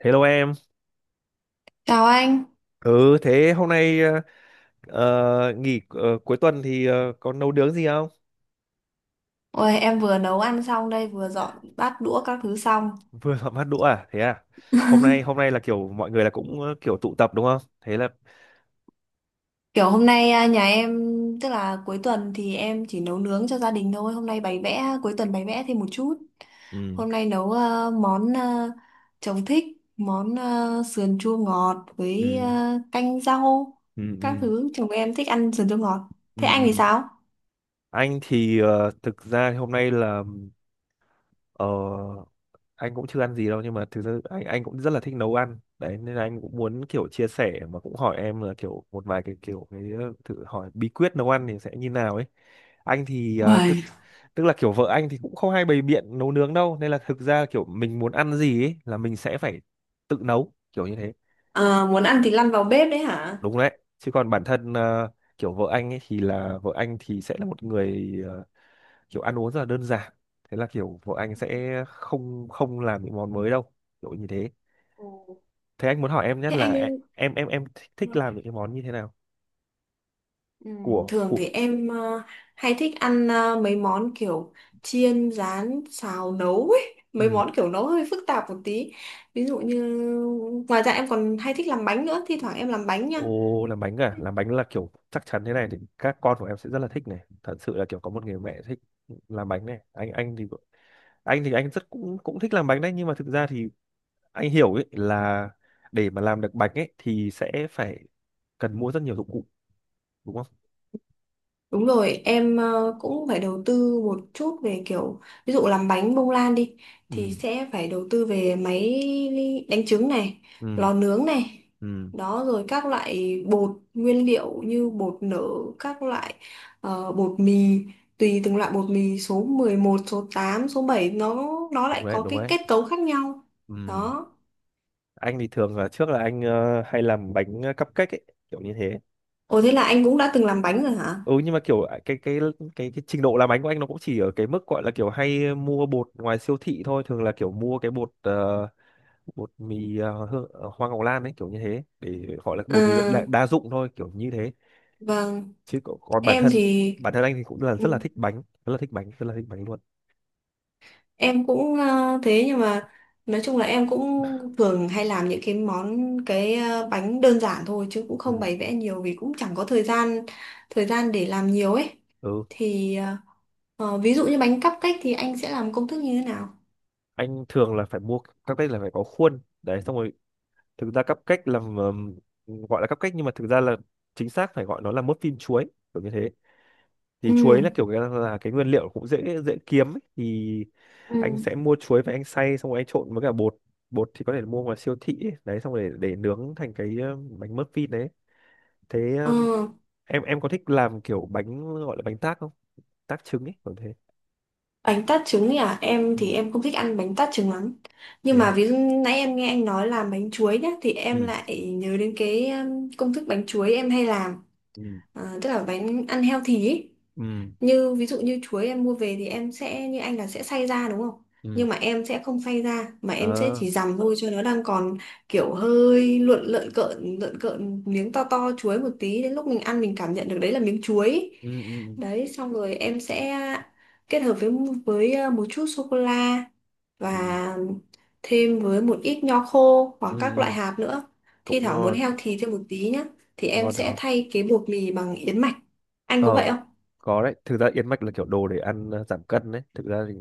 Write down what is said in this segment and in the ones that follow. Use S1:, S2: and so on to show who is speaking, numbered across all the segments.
S1: Hello em.
S2: Chào anh.
S1: Ừ, thế hôm nay nghỉ cuối tuần thì có nấu nướng gì không?
S2: Ôi, em vừa nấu ăn xong đây, vừa dọn bát đũa các thứ xong.
S1: Vừa họp hát đũa à? Thế à? Hôm nay hôm nay là kiểu mọi người là cũng kiểu tụ tập đúng không? Thế là
S2: Kiểu hôm nay à, nhà em, tức là cuối tuần thì em chỉ nấu nướng cho gia đình thôi. Hôm nay bày vẽ, cuối tuần bày vẽ thêm một chút.
S1: ừ,
S2: Hôm nay nấu à, món à, chồng thích, món à, sườn chua ngọt với
S1: ừ,
S2: à, canh rau,
S1: ừ, ừ,
S2: các thứ. Chồng em thích ăn sườn chua ngọt.
S1: ừ.
S2: Thế anh thì
S1: Ừ.
S2: sao?
S1: Anh thì thực ra hôm nay là ờ, anh cũng chưa ăn gì đâu, nhưng mà thực sự anh cũng rất là thích nấu ăn đấy, nên là anh cũng muốn kiểu chia sẻ, mà cũng hỏi em là kiểu một vài cái kiểu cái thử hỏi bí quyết nấu ăn thì sẽ như nào ấy. Anh thì ờ, tức
S2: Uầy,
S1: tức là kiểu vợ anh thì cũng không hay bày biện nấu nướng đâu, nên là thực ra kiểu mình muốn ăn gì ấy là mình sẽ phải tự nấu, kiểu như thế.
S2: à, muốn ăn thì lăn vào bếp đấy hả?
S1: Đúng đấy, chứ còn bản thân kiểu vợ anh thì sẽ là một người kiểu ăn uống rất là đơn giản, thế là kiểu vợ anh sẽ không không làm những món mới đâu, kiểu như thế.
S2: Ồ,
S1: Thế anh muốn hỏi em nhất
S2: thế
S1: là e-
S2: anh
S1: em em em thích, thích làm những cái món như thế nào?
S2: ừ,
S1: Của
S2: thường
S1: của
S2: thì em hay thích ăn mấy món kiểu chiên, rán, xào, nấu ấy. Mấy
S1: Ừ.
S2: món kiểu nấu hơi phức tạp một tí. Ví dụ như ngoài ra em còn hay thích làm bánh nữa, thi thoảng em làm bánh nha.
S1: Ồ, làm bánh à? Làm bánh là kiểu chắc chắn thế này thì các con của em sẽ rất là thích này. Thật sự là kiểu có một người mẹ thích làm bánh này. Anh thì anh rất cũng cũng thích làm bánh đấy, nhưng mà thực ra thì anh hiểu ấy là để mà làm được bánh ấy thì sẽ phải cần mua rất nhiều dụng cụ đúng không?
S2: Đúng rồi, em cũng phải đầu tư một chút về kiểu ví dụ làm bánh bông lan đi
S1: Ừ,
S2: thì sẽ phải đầu tư về máy đánh trứng này,
S1: ừ,
S2: lò nướng này.
S1: ừ,
S2: Đó rồi các loại bột nguyên liệu như bột nở, các loại bột mì, tùy từng loại bột mì số 11 số 8 số 7 nó
S1: đúng
S2: lại
S1: đấy,
S2: có
S1: đúng
S2: cái
S1: đấy.
S2: kết cấu khác nhau.
S1: Ừ.
S2: Đó.
S1: Anh thì thường là trước là anh hay làm bánh cupcake ấy, kiểu như thế.
S2: Ồ thế là anh cũng đã từng làm bánh rồi hả?
S1: Ừ, nhưng mà kiểu à, cái trình độ làm bánh của anh nó cũng chỉ ở cái mức gọi là kiểu hay mua bột ngoài siêu thị thôi, thường là kiểu mua cái bột bột mì hoa ngọc lan ấy, kiểu như thế, để gọi là bột mì
S2: À,
S1: đa dụng thôi, kiểu như thế.
S2: vâng,
S1: Chứ còn còn bản
S2: em
S1: thân
S2: thì
S1: anh thì cũng là rất là
S2: ừ.
S1: thích bánh, rất là thích bánh, rất là thích bánh luôn.
S2: Em cũng thế nhưng mà nói chung là em cũng thường hay làm những cái món cái bánh đơn giản thôi chứ cũng không
S1: Ừ.
S2: bày vẽ nhiều vì cũng chẳng có thời gian để làm nhiều ấy
S1: Ừ,
S2: thì ví dụ như bánh cupcake thì anh sẽ làm công thức như thế nào.
S1: anh thường là phải mua. Cupcake là phải có khuôn đấy, xong rồi thực ra cupcake là gọi là cupcake, nhưng mà thực ra là chính xác phải gọi nó là muffin chuối, kiểu như thế.
S2: Ừ.
S1: Thì chuối là kiểu cái- là cái nguyên liệu cũng dễ dễ kiếm ấy. Thì
S2: Ừ.
S1: anh sẽ mua chuối và anh xay xong rồi anh trộn với cả bột. Bột thì có thể mua ngoài siêu thị ấy. Đấy xong rồi để nướng thành cái bánh muffin đấy. Thế
S2: Ờ,
S1: em có thích làm kiểu bánh gọi là bánh tác không, tác trứng ấy, kiểu thế?
S2: bánh tart trứng ấy à, em
S1: Ừ.
S2: thì em không thích ăn bánh tart trứng lắm,
S1: Thế
S2: nhưng mà
S1: à?
S2: ví dụ nãy em nghe anh nói làm bánh chuối nhá thì em
S1: Ừ,
S2: lại nhớ đến cái công thức bánh chuối em hay làm.
S1: ừ,
S2: Ờ, tức là bánh ăn healthy ấy,
S1: ừ,
S2: như ví dụ như chuối em mua về thì em sẽ như anh là sẽ xay ra đúng không,
S1: ừ.
S2: nhưng mà em sẽ không xay ra mà em sẽ
S1: ờ
S2: chỉ dằm thôi cho nó đang còn kiểu hơi lợn lợn cợn miếng to to chuối một tí, đến lúc mình ăn mình cảm nhận được đấy là miếng chuối.
S1: ừ, ừ,
S2: Đấy xong rồi em sẽ kết hợp với một chút sô cô la
S1: ừ,
S2: và thêm với một ít nho khô
S1: ừ,
S2: hoặc
S1: ừ,
S2: các loại
S1: ừ.
S2: hạt nữa. Thi
S1: Cũng
S2: thoảng muốn
S1: ngon,
S2: healthy thêm một tí nhá thì em
S1: ngon,
S2: sẽ
S1: ngon.
S2: thay cái bột mì bằng yến mạch, anh có
S1: ờ
S2: vậy không?
S1: có đấy, thực ra yến mạch là kiểu đồ để ăn giảm cân đấy, thực ra thì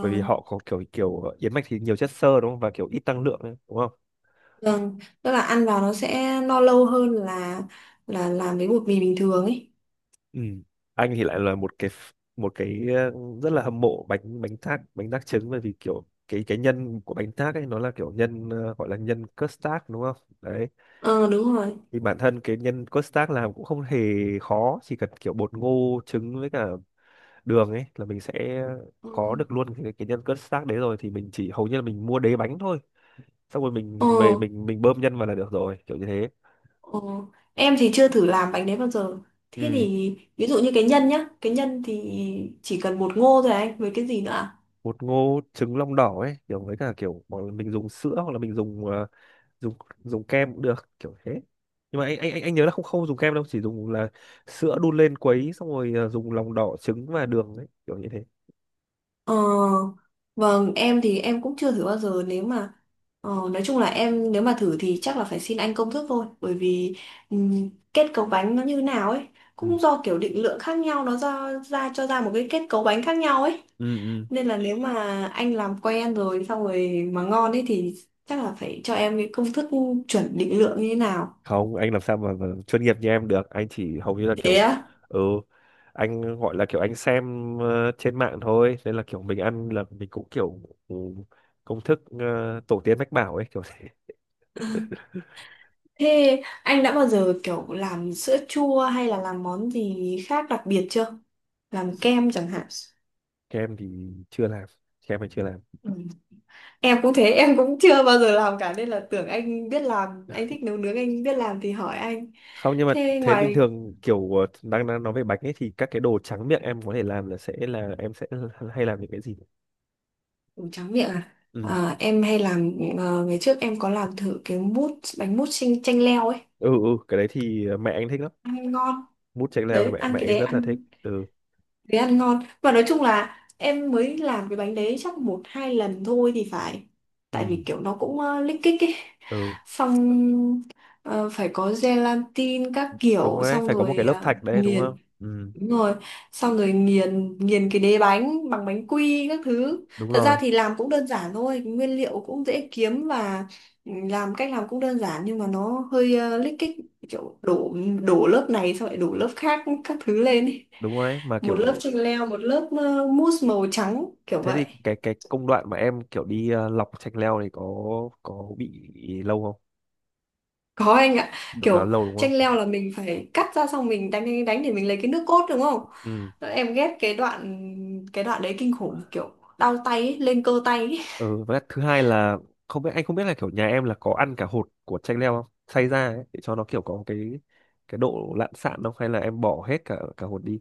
S1: bởi vì họ có kiểu kiểu yến mạch thì nhiều chất xơ đúng không, và kiểu ít năng lượng ấy, đúng không?
S2: Vâng, tức là ăn vào nó sẽ no lâu hơn là làm với bột mì bình thường ấy.
S1: Ừ. Anh thì lại là một cái rất là hâm mộ bánh bánh thác trứng, bởi vì kiểu cái nhân của bánh thác ấy nó là kiểu nhân gọi là nhân custard đúng không. Đấy
S2: Ờ đúng rồi.
S1: thì bản thân cái nhân custard làm cũng không hề khó, chỉ cần kiểu bột ngô trứng với cả đường ấy là mình sẽ
S2: Ờ,
S1: có được luôn cái nhân custard đấy, rồi thì mình chỉ hầu như là mình mua đế bánh thôi, xong rồi
S2: ờ,
S1: mình về mình bơm nhân vào là được rồi, kiểu như thế.
S2: ờ. Em thì chưa thử làm bánh đấy bao giờ. Thế
S1: Ừ,
S2: thì ví dụ như cái nhân nhá, cái nhân thì chỉ cần bột ngô thôi à anh, với cái gì nữa ạ?
S1: bột ngô trứng lòng đỏ ấy, kiểu với cả kiểu hoặc là mình dùng sữa, hoặc là mình dùng ờ, dùng dùng kem cũng được, kiểu thế. Nhưng mà anh nhớ là không không dùng kem đâu, chỉ dùng là sữa đun lên quấy, xong rồi dùng lòng đỏ trứng và đường ấy, kiểu như thế.
S2: Ờ, vâng, em thì em cũng chưa thử bao giờ. Nếu mà nói chung là em nếu mà thử thì chắc là phải xin anh công thức thôi, bởi vì kết cấu bánh nó như nào ấy
S1: Ừ.
S2: cũng do kiểu định lượng khác nhau, nó ra ra cho ra một cái kết cấu bánh khác nhau ấy,
S1: Ừ, ừ.
S2: nên là nếu mà anh làm quen rồi xong rồi mà ngon ấy thì chắc là phải cho em cái công thức chuẩn định lượng như thế nào.
S1: Không, anh làm sao mà chuyên nghiệp như em được, anh chỉ hầu như là
S2: Thế
S1: kiểu
S2: á,
S1: ừ, anh gọi là kiểu anh xem trên mạng thôi, nên là kiểu mình ăn là mình cũng kiểu ừ, công thức tổ tiên mách bảo ấy, kiểu thế.
S2: thế anh đã bao giờ kiểu làm sữa chua hay là làm món gì khác đặc biệt chưa, làm kem chẳng hạn?
S1: Kem thì chưa làm. Kem thì chưa làm.
S2: Ừ. Em cũng thế, em cũng chưa bao giờ làm cả nên là tưởng anh biết làm, anh thích nấu nướng anh biết làm thì hỏi anh.
S1: Không, nhưng mà
S2: Thế
S1: thế bình
S2: ngoài.
S1: thường kiểu ờ, đang đang nói về bánh ấy thì các cái đồ tráng miệng em có thể làm là sẽ là em sẽ hay làm những cái gì?
S2: Ủa, tráng miệng à?
S1: Ừ,
S2: À, em hay làm ngày trước em có làm thử cái mút bánh mút chanh chanh leo ấy,
S1: ừ, ừ, cái đấy thì mẹ anh thích lắm.
S2: ăn ngon.
S1: Mút chanh leo thì
S2: Đấy,
S1: mẹ
S2: ăn
S1: mẹ
S2: cái
S1: anh rất là thích. Ừ.
S2: đấy ăn ngon. Và nói chung là em mới làm cái bánh đấy chắc một hai lần thôi thì phải. Tại
S1: Ừ,
S2: vì kiểu nó cũng lích kích ấy.
S1: ừ,
S2: Xong ờ, phải có gelatin các
S1: đúng
S2: kiểu,
S1: rồi đấy,
S2: xong
S1: phải có một cái
S2: rồi
S1: lớp thạch đấy đúng không.
S2: nghiền.
S1: Ừ,
S2: Đúng rồi, xong rồi nghiền nghiền cái đế bánh bằng bánh quy các thứ.
S1: đúng
S2: Thật ra
S1: rồi.
S2: thì làm cũng đơn giản thôi, nguyên liệu cũng dễ kiếm và cách làm cũng đơn giản, nhưng mà nó hơi lích kích, kiểu đổ đổ lớp này xong lại đổ lớp khác các thứ lên ý.
S1: Đúng rồi đấy, mà
S2: Một lớp
S1: kiểu
S2: chanh leo, một lớp mousse màu trắng kiểu
S1: thế
S2: vậy.
S1: thì cái công đoạn mà em kiểu đi lọc chanh leo thì có, bị lâu không,
S2: Có anh ạ,
S1: được nó
S2: kiểu
S1: lâu đúng
S2: chanh
S1: không?
S2: leo là mình phải cắt ra xong mình đánh đánh đánh để mình lấy cái nước cốt đúng không?
S1: Ừ,
S2: Em ghét cái đoạn đấy kinh khủng, kiểu đau tay ấy, lên cơ tay ấy.
S1: ừ, với lại thứ hai là không biết, anh không biết là kiểu nhà em là có ăn cả hột của chanh leo không, xay ra ấy, để cho nó kiểu có cái độ lạn sạn không, hay là em bỏ hết cả cả hột đi?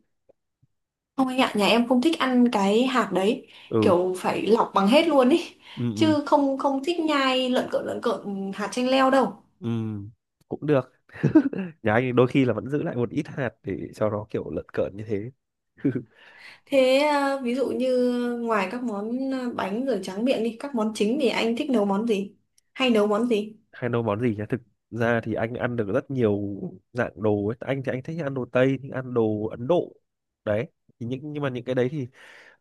S2: Không anh ạ, nhà em không thích ăn cái hạt đấy,
S1: Ừ,
S2: kiểu phải lọc bằng hết luôn ý,
S1: ừ, ừ,
S2: chứ không không thích nhai lợn cợn hạt chanh leo đâu.
S1: ừ. Cũng được. Nhà anh đôi khi là vẫn giữ lại một ít hạt để cho nó kiểu lợn cợn như thế.
S2: Thế à, ví dụ như ngoài các món à, bánh rồi tráng miệng đi, các món chính thì anh thích nấu món gì? Hay nấu món gì?
S1: Hay nấu món gì nhá, thực ra thì anh ăn được rất nhiều dạng đồ ấy, anh thì anh thích ăn đồ Tây, thích ăn đồ Ấn Độ đấy. Thì nhưng mà những cái đấy thì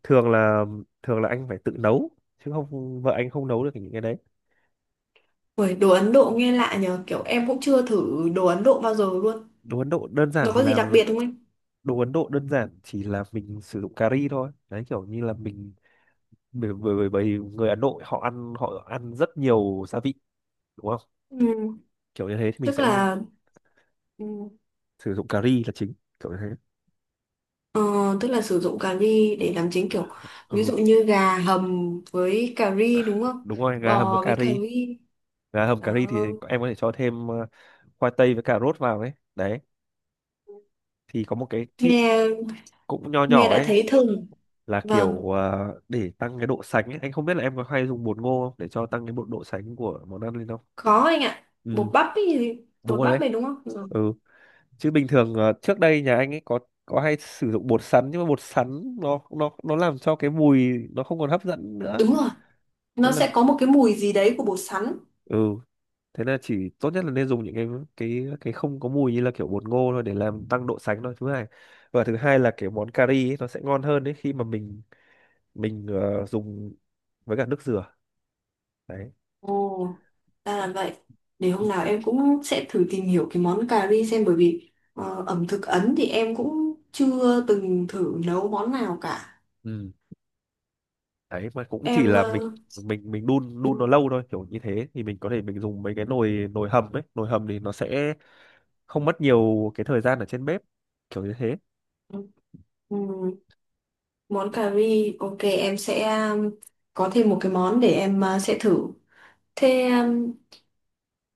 S1: thường là, anh phải tự nấu, chứ không vợ anh không nấu được những cái đấy.
S2: Ui, đồ Ấn Độ nghe lạ nhờ, kiểu em cũng chưa thử đồ Ấn Độ bao giờ luôn.
S1: đồ Ấn Độ đơn giản
S2: Nó
S1: chỉ
S2: có gì
S1: là
S2: đặc biệt không anh?
S1: đồ Ấn Độ đơn giản chỉ là mình sử dụng cà ri thôi đấy, kiểu như là mình bởi bởi bởi bởi người Ấn Độ họ ăn, rất nhiều gia vị đúng không,
S2: Ừ,
S1: kiểu như thế thì mình
S2: tức
S1: sẽ
S2: là ừ,
S1: sử dụng cà ri là chính, kiểu như thế.
S2: ờ, tức là sử dụng cà ri để làm chính kiểu ví
S1: Ừ,
S2: dụ như gà hầm với cà ri đúng không?
S1: đúng rồi, gà hầm với
S2: Bò
S1: cà
S2: với cà
S1: ri.
S2: ri.
S1: Gà hầm cà ri
S2: Đó.
S1: thì em có thể cho thêm khoai tây với cà rốt vào ấy. Đấy thì có một cái tip
S2: Nghe
S1: cũng nho
S2: Nghe
S1: nhỏ
S2: đã
S1: ấy,
S2: thấy thơm.
S1: là
S2: Vâng,
S1: kiểu à, để tăng cái độ sánh ấy. Anh không biết là em có hay dùng bột ngô không để cho tăng cái độ sánh của món ăn lên không?
S2: có anh ạ. Bột
S1: Ừ,
S2: bắp ấy, thì-
S1: đúng
S2: bột
S1: rồi
S2: bắp
S1: đấy.
S2: này đúng không? Ừ.
S1: Ừ, chứ bình thường à, trước đây nhà anh ấy có hay sử dụng bột sắn, nhưng mà bột sắn nó làm cho cái mùi nó không còn hấp dẫn nữa.
S2: Đúng rồi, nó
S1: Nên là
S2: sẽ có một cái mùi gì đấy của bột sắn.
S1: ừ, thế là chỉ tốt nhất là nên dùng những cái không có mùi như là kiểu bột ngô thôi, để làm tăng độ sánh thôi. Thứ hai, và thứ hai là kiểu món cà ri ấy, nó sẽ ngon hơn đấy khi mà mình dùng với cả nước dừa. Đấy.
S2: Ồ, ra là vậy. Để hôm nào em cũng sẽ thử tìm hiểu cái món cà ri xem, bởi vì ẩm thực Ấn thì em cũng chưa từng thử nấu món nào cả.
S1: Ừ. Đấy mà cũng chỉ
S2: Em
S1: là mình mình mình đun đun nó lâu thôi, kiểu như thế thì mình có thể mình dùng mấy cái nồi nồi hầm ấy, nồi hầm thì nó sẽ không mất nhiều cái thời gian ở trên bếp, kiểu như thế.
S2: ừ, ừ, món cà ri, ok em sẽ um, có thêm một cái món để em sẽ thử. Thế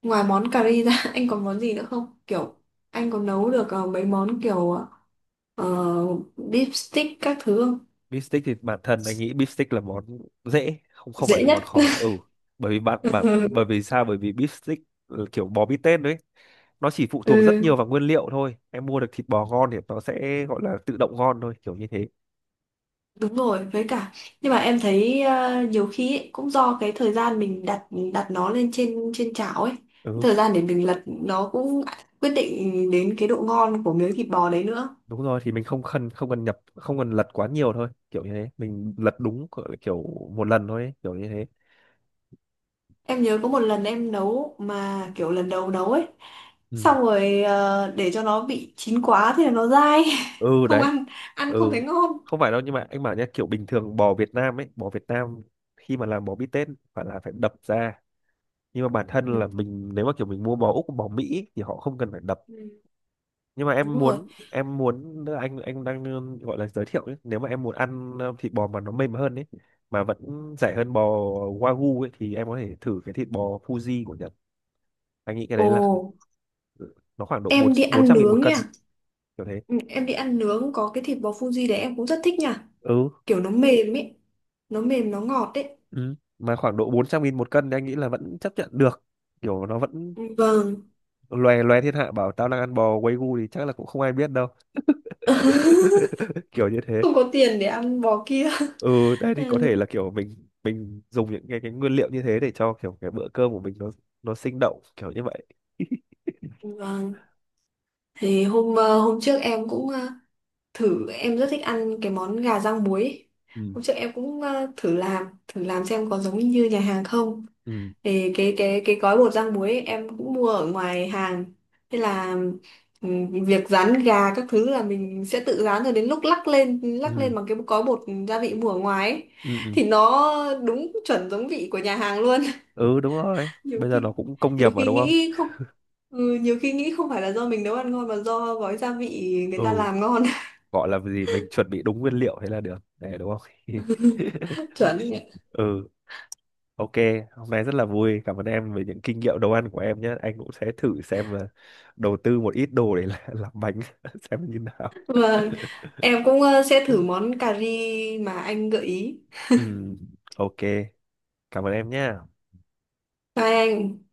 S2: ngoài món cà ri ra anh còn món gì nữa không? Kiểu anh có nấu được mấy món kiểu uh, deep stick các thứ không?
S1: Beef stick thì bản thân anh nghĩ beef stick là món dễ, không không phải
S2: Dễ
S1: là món
S2: nhất.
S1: khó. Ừ, bởi vì bạn bảo bởi vì sao bởi vì beef stick ừ, kiểu bò bít tết đấy, nó chỉ phụ thuộc rất
S2: Ừ,
S1: nhiều vào nguyên liệu thôi, em mua được thịt bò ngon thì nó sẽ gọi là tự động ngon thôi, kiểu như thế.
S2: đúng rồi, với cả nhưng mà em thấy nhiều khi ấy, cũng do cái thời gian mình đặt đặt nó lên trên trên chảo ấy,
S1: Ừ,
S2: thời gian để mình lật nó cũng quyết định đến cái độ ngon của miếng thịt bò đấy nữa.
S1: đúng rồi, thì mình không cần lật quá nhiều thôi, kiểu như thế, mình lật đúng kiểu một lần thôi ấy, kiểu như thế.
S2: Em nhớ có một lần em nấu mà kiểu lần đầu nấu ấy,
S1: Ừ.
S2: xong rồi để cho nó bị chín quá thì nó dai,
S1: Ừ,
S2: không
S1: đấy.
S2: ăn, ăn không thấy
S1: Ừ,
S2: ngon.
S1: không phải đâu, nhưng mà anh bảo nhá, kiểu bình thường bò Việt Nam ấy, bò Việt Nam khi mà làm bò bít tết phải đập ra, nhưng mà bản
S2: Ừ,
S1: thân là mình nếu mà kiểu mình mua bò Úc bò Mỹ ấy, thì họ không cần phải đập.
S2: ừ,
S1: Nhưng mà em
S2: đúng rồi.
S1: muốn em muốn anh đang gọi là giới thiệu ấy, nếu mà em muốn ăn thịt bò mà nó mềm hơn ấy, mà vẫn rẻ hơn bò Wagyu ấy, thì em có thể thử cái thịt bò Fuji của Nhật. Anh nghĩ cái
S2: Ồ,
S1: đấy là nó khoảng độ bốn
S2: em đi
S1: bốn
S2: ăn
S1: trăm nghìn một
S2: nướng nha.
S1: cân, kiểu thế.
S2: Ừ, em đi ăn nướng có cái thịt bò Fuji đấy em cũng rất thích nha.
S1: Ừ,
S2: Kiểu nó mềm ấy, nó mềm nó ngọt ấy.
S1: ừ, mà khoảng độ 400.000 một cân thì anh nghĩ là vẫn chấp nhận được, kiểu nó vẫn
S2: Ừ, vâng.
S1: loè loe thiên hạ bảo tao đang ăn bò Wagyu thì chắc là cũng không ai biết đâu. Kiểu như thế.
S2: Không có tiền để ăn bò kia.
S1: Ừ, đấy thì có
S2: Ừ,
S1: thể là kiểu mình dùng những cái nguyên liệu như thế để cho kiểu cái bữa cơm của mình nó sinh động, kiểu như vậy.
S2: vâng. Thì hôm trước em cũng thử, em rất thích ăn cái món gà rang muối ấy.
S1: Ừ,
S2: Hôm trước em cũng thử làm xem có giống như nhà hàng không,
S1: ừ,
S2: thì cái cái gói bột rang muối ấy, em cũng mua ở ngoài hàng. Thế là việc rán gà các thứ là mình sẽ tự rán, rồi đến lúc lắc lên lắc
S1: ừ,
S2: lên bằng cái gói bột gia vị mua ở ngoài ấy,
S1: ừ, ừ,
S2: thì nó đúng chuẩn giống vị của nhà hàng luôn.
S1: ừ, đúng rồi,
S2: nhiều
S1: bây giờ nó
S2: khi
S1: cũng công nghiệp
S2: nhiều
S1: mà
S2: khi
S1: đúng không.
S2: nghĩ không ừ, nhiều khi nghĩ không phải là do mình nấu ăn ngon mà do gói gia vị người
S1: Ừ,
S2: ta làm ngon.
S1: gọi là gì, mình chuẩn bị đúng nguyên liệu thế là được để đúng không?
S2: Chuẩn.
S1: Ừ, ok. Hôm nay rất là vui, cảm ơn em về những kinh nghiệm nấu ăn của em nhé, anh cũng sẽ thử xem là đầu tư một ít đồ để làm bánh xem như nào.
S2: Vâng, em cũng sẽ thử món cà ri mà anh gợi ý.
S1: Ừ, ok, cảm ơn em nhé.
S2: Bye anh.